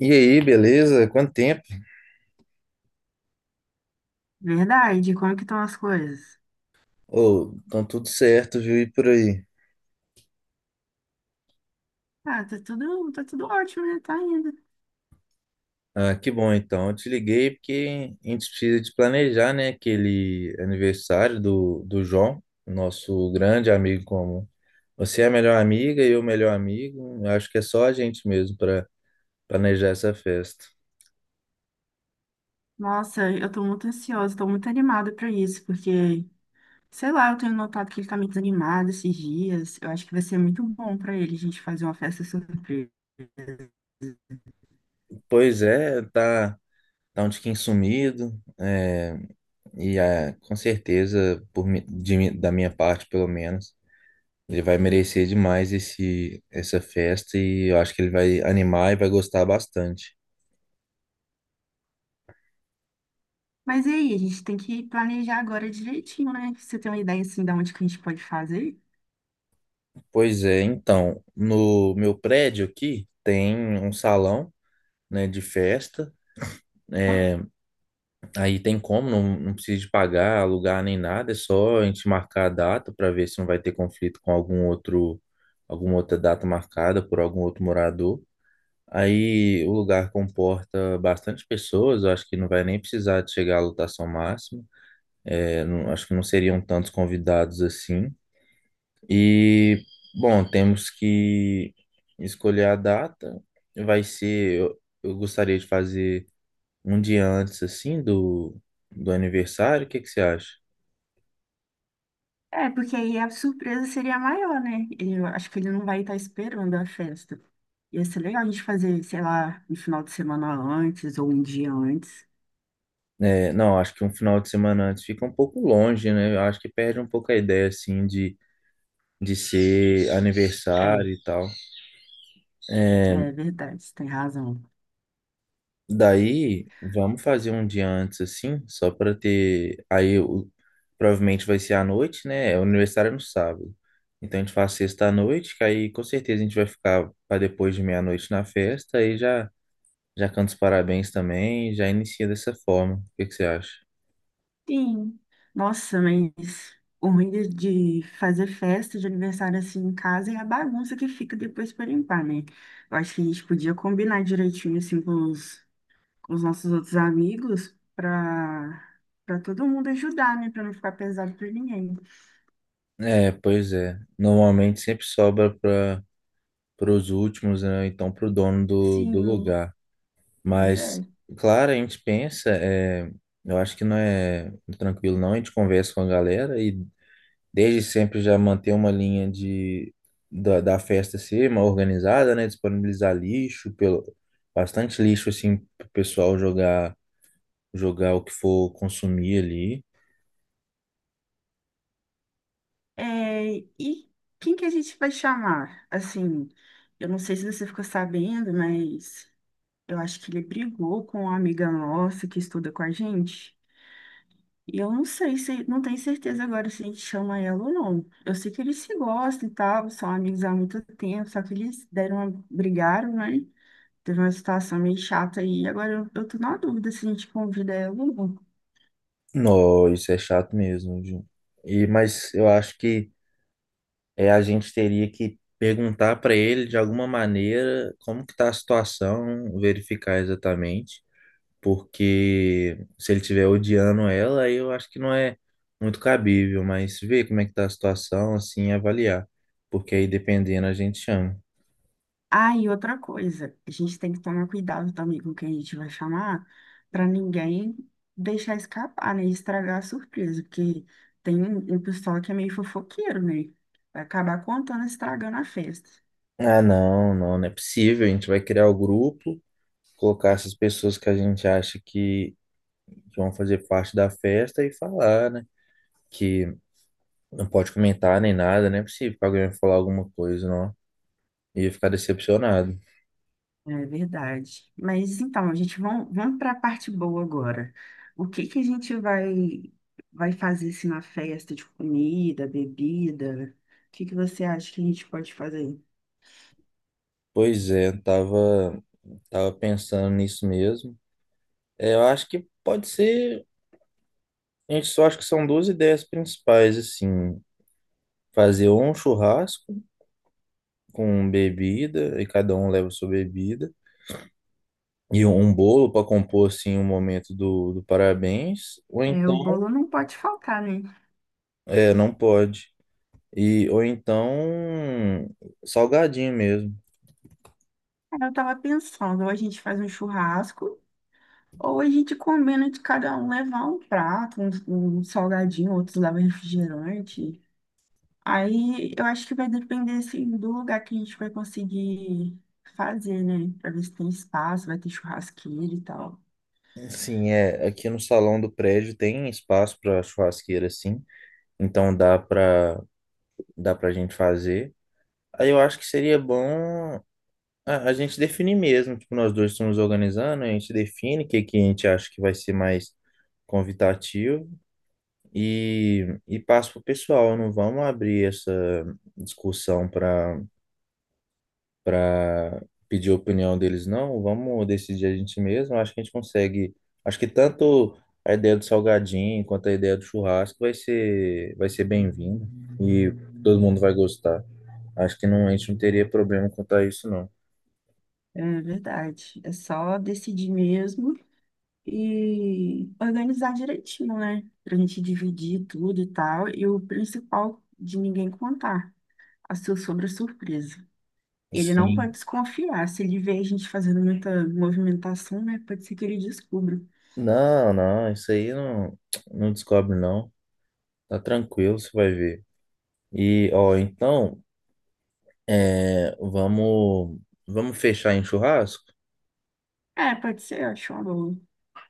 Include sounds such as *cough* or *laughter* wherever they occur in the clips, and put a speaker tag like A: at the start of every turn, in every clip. A: E aí, beleza? Quanto tempo?
B: Verdade, como é que estão as coisas?
A: Ô, então tudo certo, viu? E por aí?
B: Ah, tá tudo ótimo, né? Tá indo.
A: Ah, que bom então. Eu te liguei porque a gente precisa de planejar, né, aquele aniversário do João, nosso grande amigo comum. Você é a melhor amiga e eu o melhor amigo. Eu acho que é só a gente mesmo para planejar essa festa.
B: Nossa, eu tô muito ansiosa, tô muito animada pra isso, porque, sei lá, eu tenho notado que ele tá meio desanimado esses dias. Eu acho que vai ser muito bom pra ele a gente fazer uma festa assim.
A: Pois é, tá, tá um tiquinho sumido, é, e ah, com certeza, por, mi- de mi- da minha parte pelo menos. Ele vai merecer demais essa festa e eu acho que ele vai animar e vai gostar bastante.
B: Mas e aí, a gente tem que planejar agora direitinho, né? Você tem uma ideia assim da onde que a gente pode fazer?
A: Pois é, então, no meu prédio aqui tem um salão, né, de festa. É, aí tem como, não, não precisa de pagar, alugar nem nada, é só a gente marcar a data para ver se não vai ter conflito com algum outro, alguma outra data marcada por algum outro morador. Aí o lugar comporta bastante pessoas, eu acho que não vai nem precisar de chegar à lotação máxima. Eu não- Acho que não seriam tantos convidados assim. E, bom, temos que escolher a data. Eu gostaria de fazer um dia antes, assim, do aniversário. O que que você acha?
B: É, porque aí a surpresa seria maior, né? Eu acho que ele não vai estar esperando a festa. Ia ser legal a gente fazer, sei lá, no final de semana antes ou um dia antes.
A: É, não, acho que um final de semana antes fica um pouco longe, né? Eu acho que perde um pouco a ideia, assim, de ser
B: É,
A: aniversário e tal. É.
B: é verdade, você tem razão.
A: Daí, vamos fazer um dia antes, assim, só para ter. Aí, provavelmente vai ser à noite, né? O aniversário é no sábado. Então, a gente faz sexta à noite, que aí com certeza a gente vai ficar para depois de meia-noite na festa. Aí já canta os parabéns também, já inicia dessa forma. O que que você acha?
B: Sim. Nossa, mas o ruim de fazer festa de aniversário assim em casa é a bagunça que fica depois para limpar, né? Eu acho que a gente podia combinar direitinho assim com com os nossos outros amigos para todo mundo ajudar, né? Para não ficar pesado para ninguém.
A: É, pois é. Normalmente sempre sobra para os últimos, né? Então, para o dono do
B: Sim.
A: lugar.
B: Pois
A: Mas,
B: é.
A: claro, a gente pensa, é, eu acho que não é tranquilo, não. A gente conversa com a galera e desde sempre já manter uma linha da festa ser uma organizada, né? Disponibilizar lixo, bastante lixo, assim, pro pessoal jogar, jogar o que for consumir ali.
B: É, e quem que a gente vai chamar? Assim, eu não sei se você ficou sabendo, mas eu acho que ele brigou com uma amiga nossa que estuda com a gente. E eu não sei se, não tenho certeza agora se a gente chama ela ou não. Eu sei que eles se gostam e tal, são amigos há muito tempo, só que eles deram uma, brigaram, né? Teve uma situação meio chata aí. Agora eu tô na dúvida se a gente convida ela ou não.
A: Não, isso é chato mesmo, viu? E, mas eu acho que é, a gente teria que perguntar para ele de alguma maneira como que está a situação, verificar exatamente. Porque se ele estiver odiando ela, aí eu acho que não é muito cabível, mas ver como é que tá a situação, assim, e avaliar, porque aí dependendo a gente chama.
B: Ah, e outra coisa, a gente tem que tomar cuidado também com quem a gente vai chamar, para ninguém deixar escapar, né? E estragar a surpresa, porque tem um pessoal que é meio fofoqueiro, né? Vai acabar contando, estragando a festa.
A: Ah, não, não, não é possível, a gente vai criar o grupo, colocar essas pessoas que a gente acha que vão fazer parte da festa e falar, né? Que não pode comentar nem nada, não é possível que alguém vai falar alguma coisa, não. Ia ficar decepcionado.
B: É verdade. Mas então, a gente vamos, vamos para a parte boa agora. O que que a gente vai, vai fazer assim, na festa de comida, bebida? O que que você acha que a gente pode fazer?
A: Pois é, eu tava pensando nisso mesmo. É, eu acho que pode ser. Gente, só acho que são duas ideias principais, assim, fazer um churrasco com bebida, e cada um leva sua bebida, e um bolo para compor, assim, o momento do parabéns, ou
B: É, o
A: então,
B: bolo não pode faltar, né?
A: é, não pode, ou então, salgadinho mesmo.
B: Aí eu tava pensando, ou a gente faz um churrasco, ou a gente combina de cada um levar um prato, um salgadinho, outros levam refrigerante. Aí eu acho que vai depender assim, do lugar que a gente vai conseguir fazer, né? Pra ver se tem espaço, vai ter churrasqueira e tal.
A: Sim, é, aqui no salão do prédio tem espaço para churrasqueira, assim, então dá para gente fazer. Aí eu acho que seria bom. A gente define mesmo, tipo, nós dois estamos organizando, a gente define o que, que a gente acha que vai ser mais convidativo e passa pro pessoal. Não vamos abrir essa discussão para pedir a opinião deles, não. Vamos decidir a gente mesmo. Acho que a gente consegue. Acho que tanto a ideia do salgadinho quanto a ideia do churrasco vai ser bem-vinda e todo mundo vai gostar. Acho que não, a gente não teria problema quanto a isso, não.
B: É verdade. É só decidir mesmo e organizar direitinho, né? Pra gente dividir tudo e tal. E o principal, de ninguém contar a sua sobre a surpresa. Ele não pode
A: Sim.
B: desconfiar. Se ele vê a gente fazendo muita movimentação, né? Pode ser que ele descubra.
A: Não, não, isso aí não, não descobre não. Tá tranquilo, você vai ver. E, ó, então, é, vamos fechar em churrasco,
B: É, pode ser, eu acho uma boa.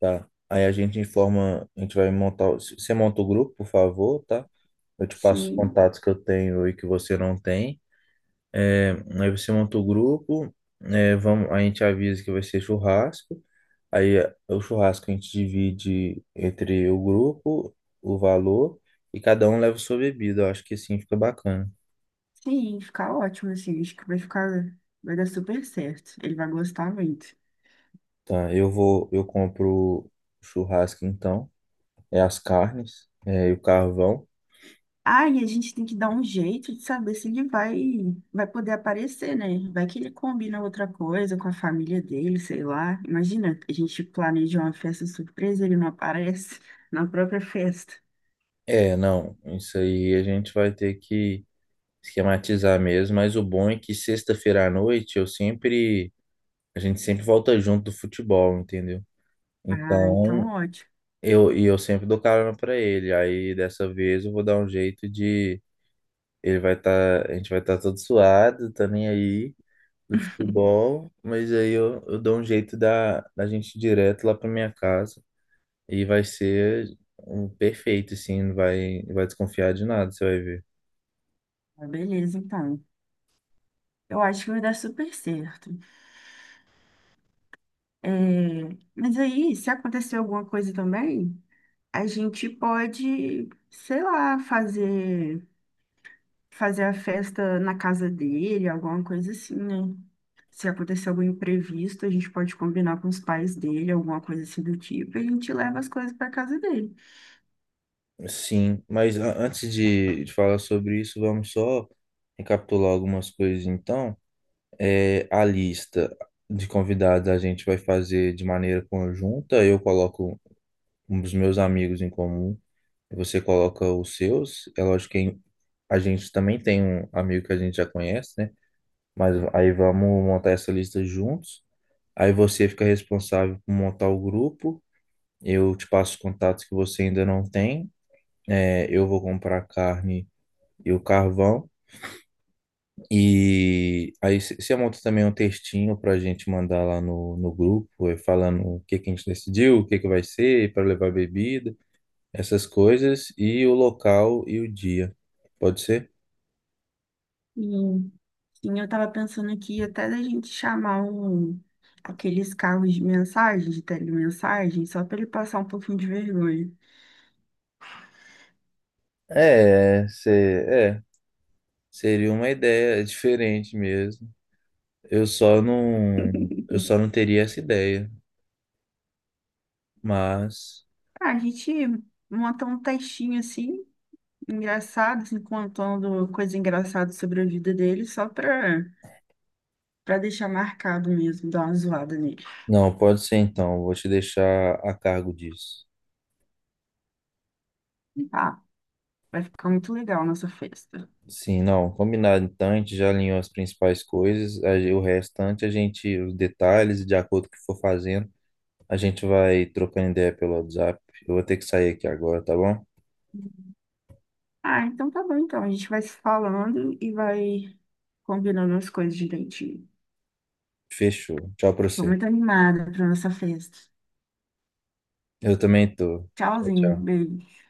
A: tá? Aí a gente informa, a gente vai montar, você monta o grupo, por favor, tá? Eu te passo os
B: Sim,
A: contatos que eu tenho e que você não tem. É, aí você monta o grupo, é, a gente avisa que vai ser churrasco. Aí é o churrasco a gente divide entre o grupo, o valor, e cada um leva sua bebida. Eu acho que assim fica bacana.
B: sim, ficar ótimo, assim. Acho que vai ficar, vai dar super certo. Ele vai gostar muito.
A: Tá, eu compro o churrasco então, é as carnes, é, e o carvão.
B: Ah, e a gente tem que dar um jeito de saber se ele vai, vai poder aparecer, né? Vai que ele combina outra coisa com a família dele, sei lá. Imagina, a gente planeja uma festa surpresa, ele não aparece na própria festa.
A: É, não, isso aí a gente vai ter que esquematizar mesmo, mas o bom é que sexta-feira à noite a gente sempre volta junto do futebol, entendeu?
B: Ah, então
A: Então,
B: ótimo.
A: eu sempre dou carona pra ele. Aí dessa vez eu vou dar um jeito de Ele vai estar, a gente vai estar todo suado, tá nem aí do futebol, mas aí eu dou um jeito da gente ir direto lá pra minha casa e vai ser um perfeito, assim, não vai desconfiar de nada, você vai ver.
B: Ah, beleza, então. Eu acho que vai dar super certo. É, mas aí, se acontecer alguma coisa também, a gente pode, sei lá, fazer, fazer a festa na casa dele, alguma coisa assim, né? Se acontecer algum imprevisto, a gente pode combinar com os pais dele, alguma coisa assim do tipo, e a gente leva as coisas para casa dele.
A: Sim, mas antes de falar sobre isso, vamos só recapitular algumas coisas então. É, a lista de convidados a gente vai fazer de maneira conjunta, eu coloco um dos meus amigos em comum, você coloca os seus. É lógico que a gente também tem um amigo que a gente já conhece, né? Mas aí vamos montar essa lista juntos. Aí você fica responsável por montar o grupo. Eu te passo os contatos que você ainda não tem. É, eu vou comprar a carne e o carvão. E aí você monta também um textinho para a gente mandar lá no grupo, falando o que que a gente decidiu, o que que vai ser, para levar bebida. Essas coisas e o local e o dia. Pode ser?
B: E, sim, eu tava pensando aqui até da gente chamar um, aqueles carros de mensagem, de telemensagem, só para ele passar um pouquinho de vergonha.
A: É, seria uma ideia diferente mesmo. Eu só não, eu só
B: *laughs*
A: não teria essa ideia, mas
B: Ah, a gente monta um textinho assim, engraçado, assim, contando coisa engraçada sobre a vida dele, só para deixar marcado mesmo, dar uma zoada nele.
A: não, pode ser então. Vou te deixar a cargo disso.
B: Ah, vai ficar muito legal a nossa festa.
A: Sim, não, combinado então, a gente já alinhou as principais coisas, o restante os detalhes, de acordo com o que for fazendo, a gente vai trocando ideia pelo WhatsApp. Eu vou ter que sair aqui agora, tá bom?
B: Ah, então tá bom, então. A gente vai se falando e vai combinando as coisas direitinho.
A: Fechou. Tchau pra
B: Tô
A: você.
B: muito animada pra nossa festa.
A: Eu também tô. Tchau,
B: Tchauzinho,
A: tchau.
B: beijo.